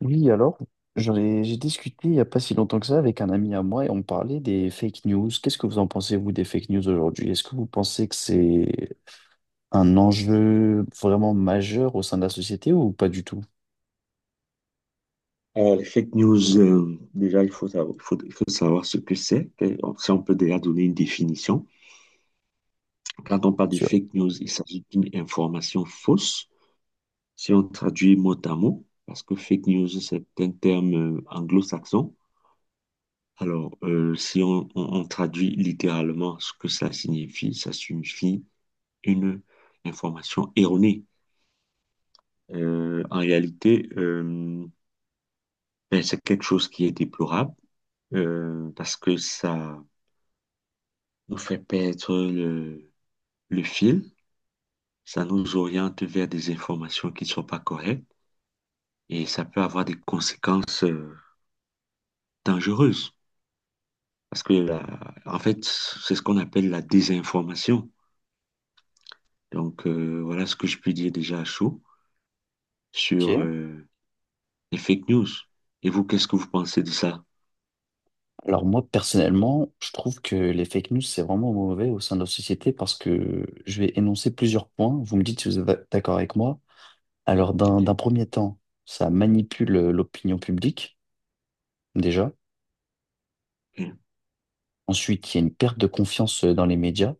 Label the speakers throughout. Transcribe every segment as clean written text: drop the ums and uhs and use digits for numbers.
Speaker 1: Oui, alors, j'ai discuté il n'y a pas si longtemps que ça avec un ami à moi et on parlait des fake news. Qu'est-ce que vous en pensez, vous, des fake news aujourd'hui? Est-ce que vous pensez que c'est un enjeu vraiment majeur au sein de la société ou pas du tout?
Speaker 2: Alors, les fake news, déjà, il faut savoir, il faut savoir ce que c'est. Si on peut déjà donner une définition. Quand on parle de
Speaker 1: Sûr.
Speaker 2: fake news, il s'agit d'une information fausse. Si on traduit mot à mot, parce que fake news, c'est un terme anglo-saxon. Alors, si on traduit littéralement ce que ça signifie une information erronée. En réalité, ben, c'est quelque chose qui est déplorable parce que ça nous fait perdre le fil, ça nous oriente vers des informations qui ne sont pas correctes et ça peut avoir des conséquences dangereuses. Parce que, en fait, c'est ce qu'on appelle la désinformation. Donc, voilà ce que je peux dire déjà à chaud sur
Speaker 1: Ok.
Speaker 2: les fake news. Et vous, qu'est-ce que vous pensez de ça?
Speaker 1: Alors moi, personnellement, je trouve que les fake news, c'est vraiment mauvais au sein de la société parce que je vais énoncer plusieurs points. Vous me dites si vous êtes d'accord avec moi. Alors, d'un
Speaker 2: Oui,
Speaker 1: premier temps, ça manipule l'opinion publique, déjà. Ensuite, il y a une perte de confiance dans les médias.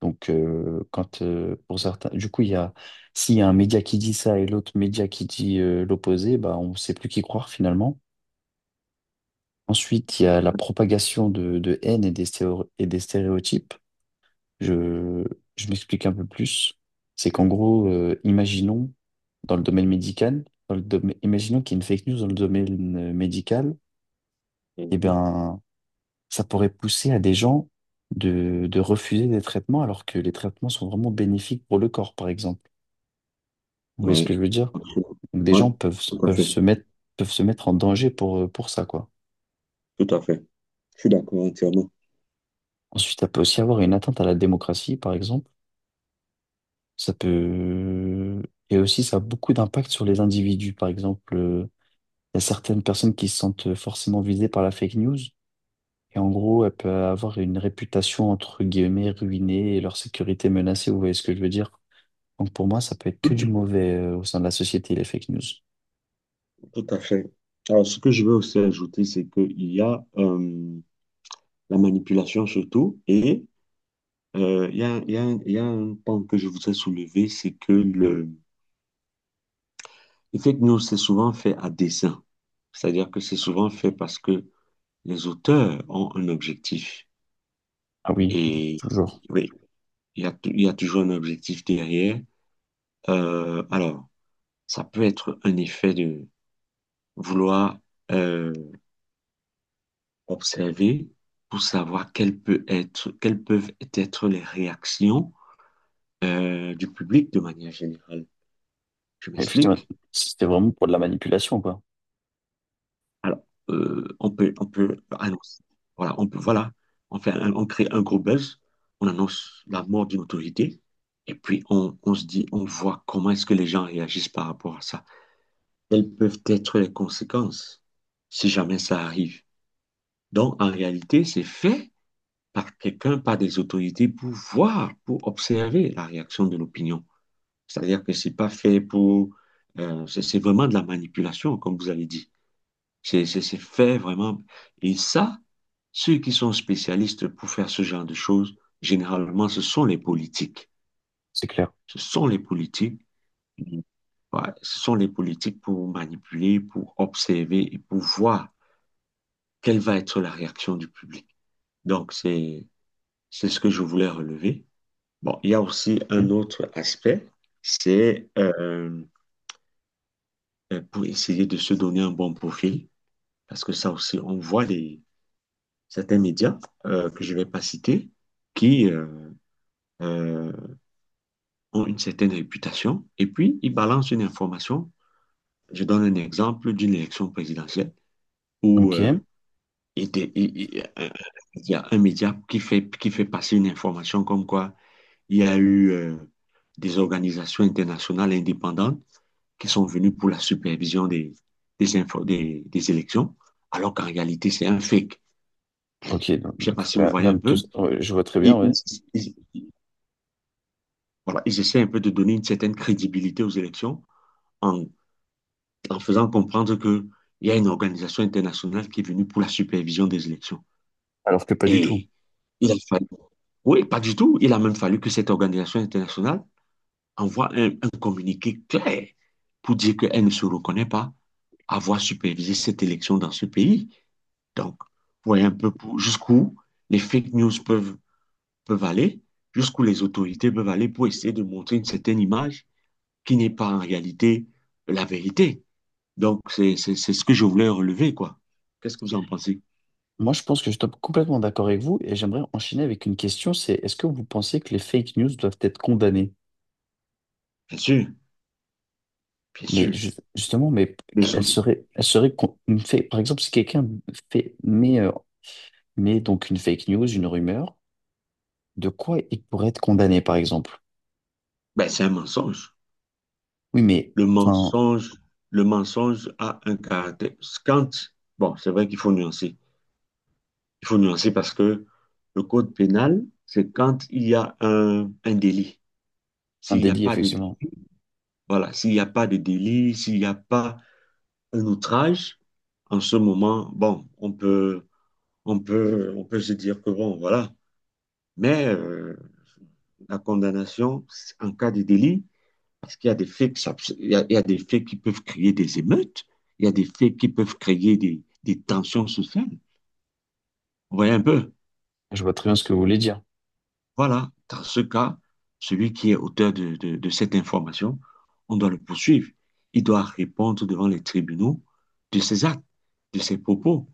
Speaker 1: Donc, quand pour certains, du coup, il y a, s'il y a un média qui dit ça et l'autre média qui dit l'opposé, bah, on ne sait plus qui croire finalement. Ensuite, il y a la propagation de haine et et des stéréotypes. Je, je m'explique un peu plus. C'est qu'en gros, imaginons dans le domaine médical, imaginons qu'il y ait une fake news dans le domaine médical, eh bien, ça pourrait pousser à des gens de refuser des traitements alors que les traitements sont vraiment bénéfiques pour le corps, par exemple. Vous voyez ce que je veux dire? Donc, des
Speaker 2: Oui,
Speaker 1: gens peuvent,
Speaker 2: tout à fait.
Speaker 1: peuvent se mettre en danger pour ça, quoi.
Speaker 2: Tout à fait. Je suis d'accord entièrement.
Speaker 1: Ensuite, ça peut aussi avoir une atteinte à la démocratie, par exemple. Ça peut... Et aussi, ça a beaucoup d'impact sur les individus. Par exemple, il y a certaines personnes qui se sentent forcément visées par la fake news. Et en gros, elles peuvent avoir une réputation, entre guillemets, ruinée et leur sécurité menacée. Vous voyez ce que je veux dire? Donc pour moi, ça peut être que du mauvais, au sein de la société, les fake news.
Speaker 2: Tout à fait. Alors, ce que je veux aussi ajouter, c'est qu'il y a la manipulation surtout, et il y a un point que je voudrais soulever, c'est que le fake news, c'est souvent fait à dessein. C'est-à-dire que c'est souvent fait parce que les auteurs ont un objectif.
Speaker 1: Ah oui,
Speaker 2: Et
Speaker 1: toujours.
Speaker 2: oui, il y a toujours un objectif derrière. Alors, ça peut être un effet de vouloir euh, observer pour savoir quelles peuvent être les réactions du public de manière générale. Je
Speaker 1: Effectivement,
Speaker 2: m'explique.
Speaker 1: c'était vraiment pour de la manipulation, quoi.
Speaker 2: Alors, on peut annoncer. Voilà, on crée un gros buzz, on annonce la mort d'une autorité, et puis on se dit, on voit comment est-ce que les gens réagissent par rapport à ça. Quelles peuvent être les conséquences si jamais ça arrive? Donc, en réalité, c'est fait par quelqu'un, par des autorités pour voir, pour observer la réaction de l'opinion. C'est-à-dire que c'est pas fait pour... c'est vraiment de la manipulation, comme vous avez dit. C'est fait vraiment. Et ça, ceux qui sont spécialistes pour faire ce genre de choses, généralement, ce sont les politiques.
Speaker 1: C'est clair.
Speaker 2: Ce sont les politiques. Ouais, ce sont les politiques pour manipuler, pour observer et pour voir quelle va être la réaction du public. Donc, c'est ce que je voulais relever. Bon, il y a aussi un autre aspect, c'est pour essayer de se donner un bon profil, parce que ça aussi, on voit certains médias que je ne vais pas citer qui euh, ont une certaine réputation, et puis ils balancent une information. Je donne un exemple d'une élection présidentielle où
Speaker 1: Ok.
Speaker 2: il était- il y a un média qui fait passer une information comme quoi il y a eu des organisations internationales indépendantes qui sont venus pour la supervision des élections, alors qu'en réalité, c'est un fake.
Speaker 1: Ok.
Speaker 2: Je ne sais
Speaker 1: Donc,
Speaker 2: pas si vous voyez
Speaker 1: rien de
Speaker 2: un
Speaker 1: tout
Speaker 2: peu.
Speaker 1: ça. Ouais, je vois très bien,
Speaker 2: Ils,
Speaker 1: ouais.
Speaker 2: ils, ils- voilà, ils essaient un peu de donner une certaine crédibilité aux élections en, en faisant comprendre qu'il y a une organisation internationale qui est venue pour la supervision des élections.
Speaker 1: Alors que pas du tout.
Speaker 2: Et il a fallu. Oui, pas du tout. Il a même fallu que cette organisation internationale envoie un communiqué clair pour dire qu'elle ne se reconnaît pas avoir supervisé cette élection dans ce pays. Donc, vous voyez un peu jusqu'où les fake news peuvent, peuvent aller, jusqu'où les autorités peuvent aller pour essayer de montrer une certaine image qui n'est pas en réalité la vérité. Donc, c'est ce que je voulais relever, quoi. Qu'est-ce que vous en pensez?
Speaker 1: Moi, je pense que je suis complètement d'accord avec vous et j'aimerais enchaîner avec une question, c'est est-ce que vous pensez que les fake news doivent être condamnées?
Speaker 2: Bien sûr, bien
Speaker 1: Mais
Speaker 2: sûr.
Speaker 1: justement, mais
Speaker 2: Les
Speaker 1: elles
Speaker 2: autres-
Speaker 1: seraient, par exemple, si quelqu'un fait, met, euh, met donc une fake news, une rumeur, de quoi il pourrait être condamné, par exemple?
Speaker 2: ben, c'est un mensonge.
Speaker 1: Oui, mais
Speaker 2: Le
Speaker 1: enfin,
Speaker 2: mensonge, le mensonge a un caractère. Quand, bon, c'est vrai qu'il faut nuancer. Il faut nuancer parce que le code pénal, c'est quand il y a un délit.
Speaker 1: un
Speaker 2: S'il n'y a
Speaker 1: délit,
Speaker 2: pas de...
Speaker 1: effectivement.
Speaker 2: Voilà, s'il n'y a pas de délit, s'il n'y a pas un outrage, en ce moment, bon, on peut se dire que bon, voilà. Mais la condamnation en cas de délit, parce qu'il y a des faits, il y a des faits qui peuvent créer des émeutes, il y a des faits qui peuvent créer des tensions sociales. Vous voyez un peu?
Speaker 1: Je vois très bien ce que vous voulez dire.
Speaker 2: Voilà, dans ce cas, celui qui est auteur de cette information, on doit le poursuivre. Il doit répondre devant les tribunaux de ses actes, de ses propos.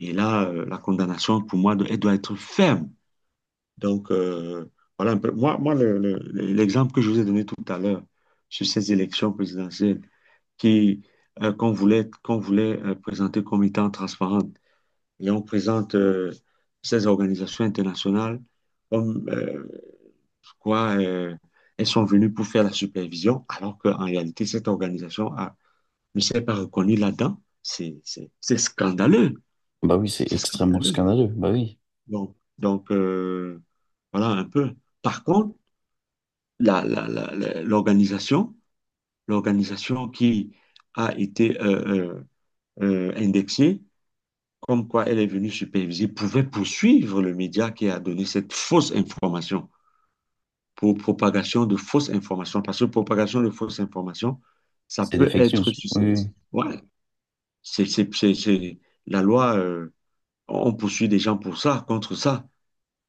Speaker 2: Et là, la condamnation, pour moi, elle doit être ferme. Donc, voilà un peu. Moi, l'exemple que je vous ai donné tout à l'heure sur ces élections présidentielles qui, qu'on voulait présenter comme étant transparentes, et on présente ces organisations internationales comme... pourquoi elles sont venues pour faire la supervision alors qu'en réalité, ne s'est pas reconnue là-dedans? C'est scandaleux.
Speaker 1: Bah oui, c'est
Speaker 2: C'est
Speaker 1: extrêmement
Speaker 2: scandaleux.
Speaker 1: scandaleux. Bah oui,
Speaker 2: Donc, voilà un peu. Par contre, la, la- la- la- l'organisation, l'organisation qui a été indexée, comme quoi elle est venue superviser, pouvait poursuivre le média qui a donné cette fausse information pour propagation de fausses informations. Parce que propagation de fausses informations, ça
Speaker 1: c'est des
Speaker 2: peut
Speaker 1: fake news.
Speaker 2: être
Speaker 1: Oui, oui.
Speaker 2: susceptible. Ouais, c'est, c'est, c'est, c'est- la loi, on poursuit des gens pour ça, contre ça.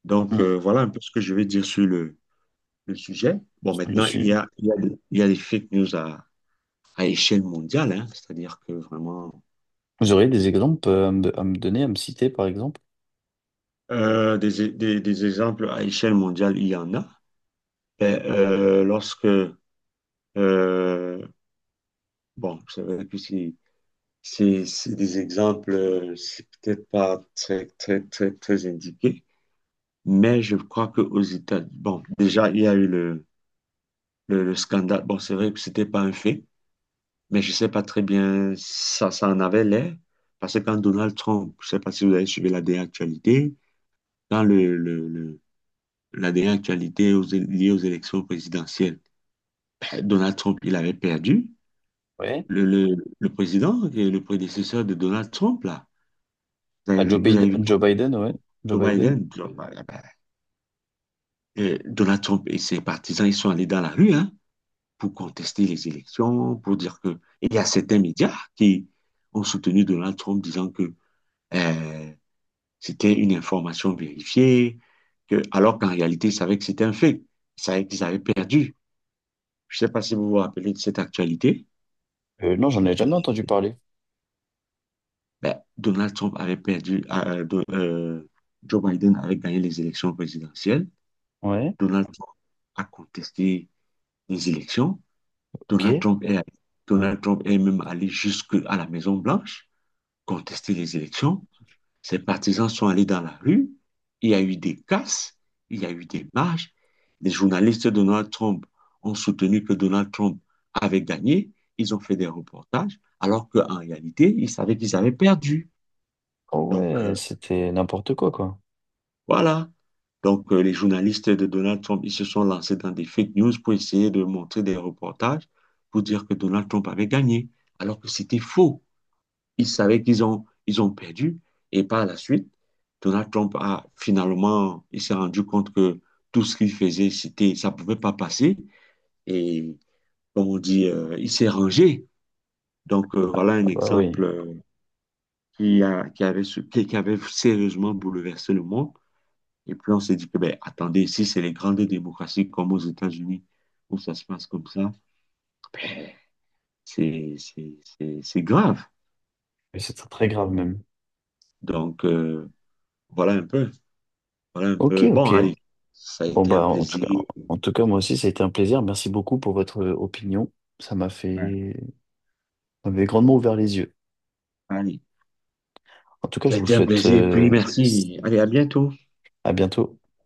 Speaker 2: Donc,
Speaker 1: Mm.
Speaker 2: voilà un peu ce que je vais dire sur le sujet. Bon,
Speaker 1: Sur le
Speaker 2: maintenant,
Speaker 1: sujet.
Speaker 2: il y a des fake news à échelle mondiale, hein. C'est-à-dire que vraiment,
Speaker 1: Vous auriez des exemples à me donner, à me citer, par exemple?
Speaker 2: des exemples à échelle mondiale, il y en a. Ben, euh, bon, c'est vrai que c'est des exemples, c'est peut-être pas très indiqué, mais je crois qu'aux États-Unis, bon, déjà, il y a eu le scandale. Bon, c'est vrai que c'était pas un fait, mais je sais pas très bien, ça en avait l'air, parce que quand Donald Trump, je sais pas si vous avez suivi la dernière actualité, dans la dernière actualité liée aux élections présidentielles, ben, Donald Trump, il avait perdu.
Speaker 1: Ouais.
Speaker 2: Le, le, le président, et le prédécesseur de Donald Trump, là,
Speaker 1: À Joe
Speaker 2: vous
Speaker 1: Biden,
Speaker 2: avez vu
Speaker 1: Joe Biden, ouais. Joe
Speaker 2: Joe
Speaker 1: Biden.
Speaker 2: Biden, Donald Trump et ses partisans, ils sont allés dans la rue hein, pour contester les élections, pour dire que... Et il y a certains médias qui ont soutenu Donald Trump disant que euh, c'était une information vérifiée, que, alors qu'en réalité, ils savaient que c'était un fait. Ils savaient qu'ils avaient perdu. Je ne sais pas si vous vous rappelez de cette actualité.
Speaker 1: Non, j'en ai jamais entendu parler.
Speaker 2: Ben, Donald Trump avait perdu, Joe Biden avait gagné les élections présidentielles.
Speaker 1: Ouais,
Speaker 2: Donald Trump a contesté les élections.
Speaker 1: ok.
Speaker 2: Donald Trump est, Donald Trump est même allé jusqu'à la Maison Blanche contester les élections. Ses partisans sont allés dans la rue. Il y a eu des casses, il y a eu des marches. Les journalistes de Donald Trump ont soutenu que Donald Trump avait gagné. Ils ont fait des reportages, alors qu'en réalité, ils savaient qu'ils avaient perdu.
Speaker 1: Oh
Speaker 2: Donc,
Speaker 1: ouais, c'était n'importe quoi, quoi.
Speaker 2: Voilà. Donc, les journalistes de Donald Trump, ils se sont lancés dans des fake news pour essayer de montrer des reportages pour dire que Donald Trump avait gagné, alors que c'était faux. Ils savaient ils ont perdu. Et par la suite, Donald Trump a finalement, il s'est rendu compte que tout ce qu'il faisait, ça ne pouvait pas passer. Et comme on dit, il s'est rangé. Donc, voilà un
Speaker 1: Ah bah
Speaker 2: exemple
Speaker 1: oui.
Speaker 2: qui a, qui avait sérieusement bouleversé le monde. Et puis on s'est dit que, ben, attendez, si c'est les grandes démocraties comme aux États-Unis, où ça se passe comme ça, ben, c'est grave.
Speaker 1: Mais c'est très très grave même.
Speaker 2: Donc, voilà un peu. Voilà un
Speaker 1: Ok,
Speaker 2: peu. Bon,
Speaker 1: ok.
Speaker 2: allez, ça a
Speaker 1: Bon
Speaker 2: été un
Speaker 1: bah
Speaker 2: plaisir.
Speaker 1: en tout cas, moi aussi, ça a été un plaisir. Merci beaucoup pour votre opinion. Ça m'a
Speaker 2: Ouais.
Speaker 1: fait, ça m'avait grandement ouvert les yeux.
Speaker 2: Allez,
Speaker 1: En tout cas,
Speaker 2: ça
Speaker 1: je
Speaker 2: a
Speaker 1: vous
Speaker 2: été un
Speaker 1: souhaite
Speaker 2: plaisir. Et puis, merci. Allez, à bientôt.
Speaker 1: à bientôt.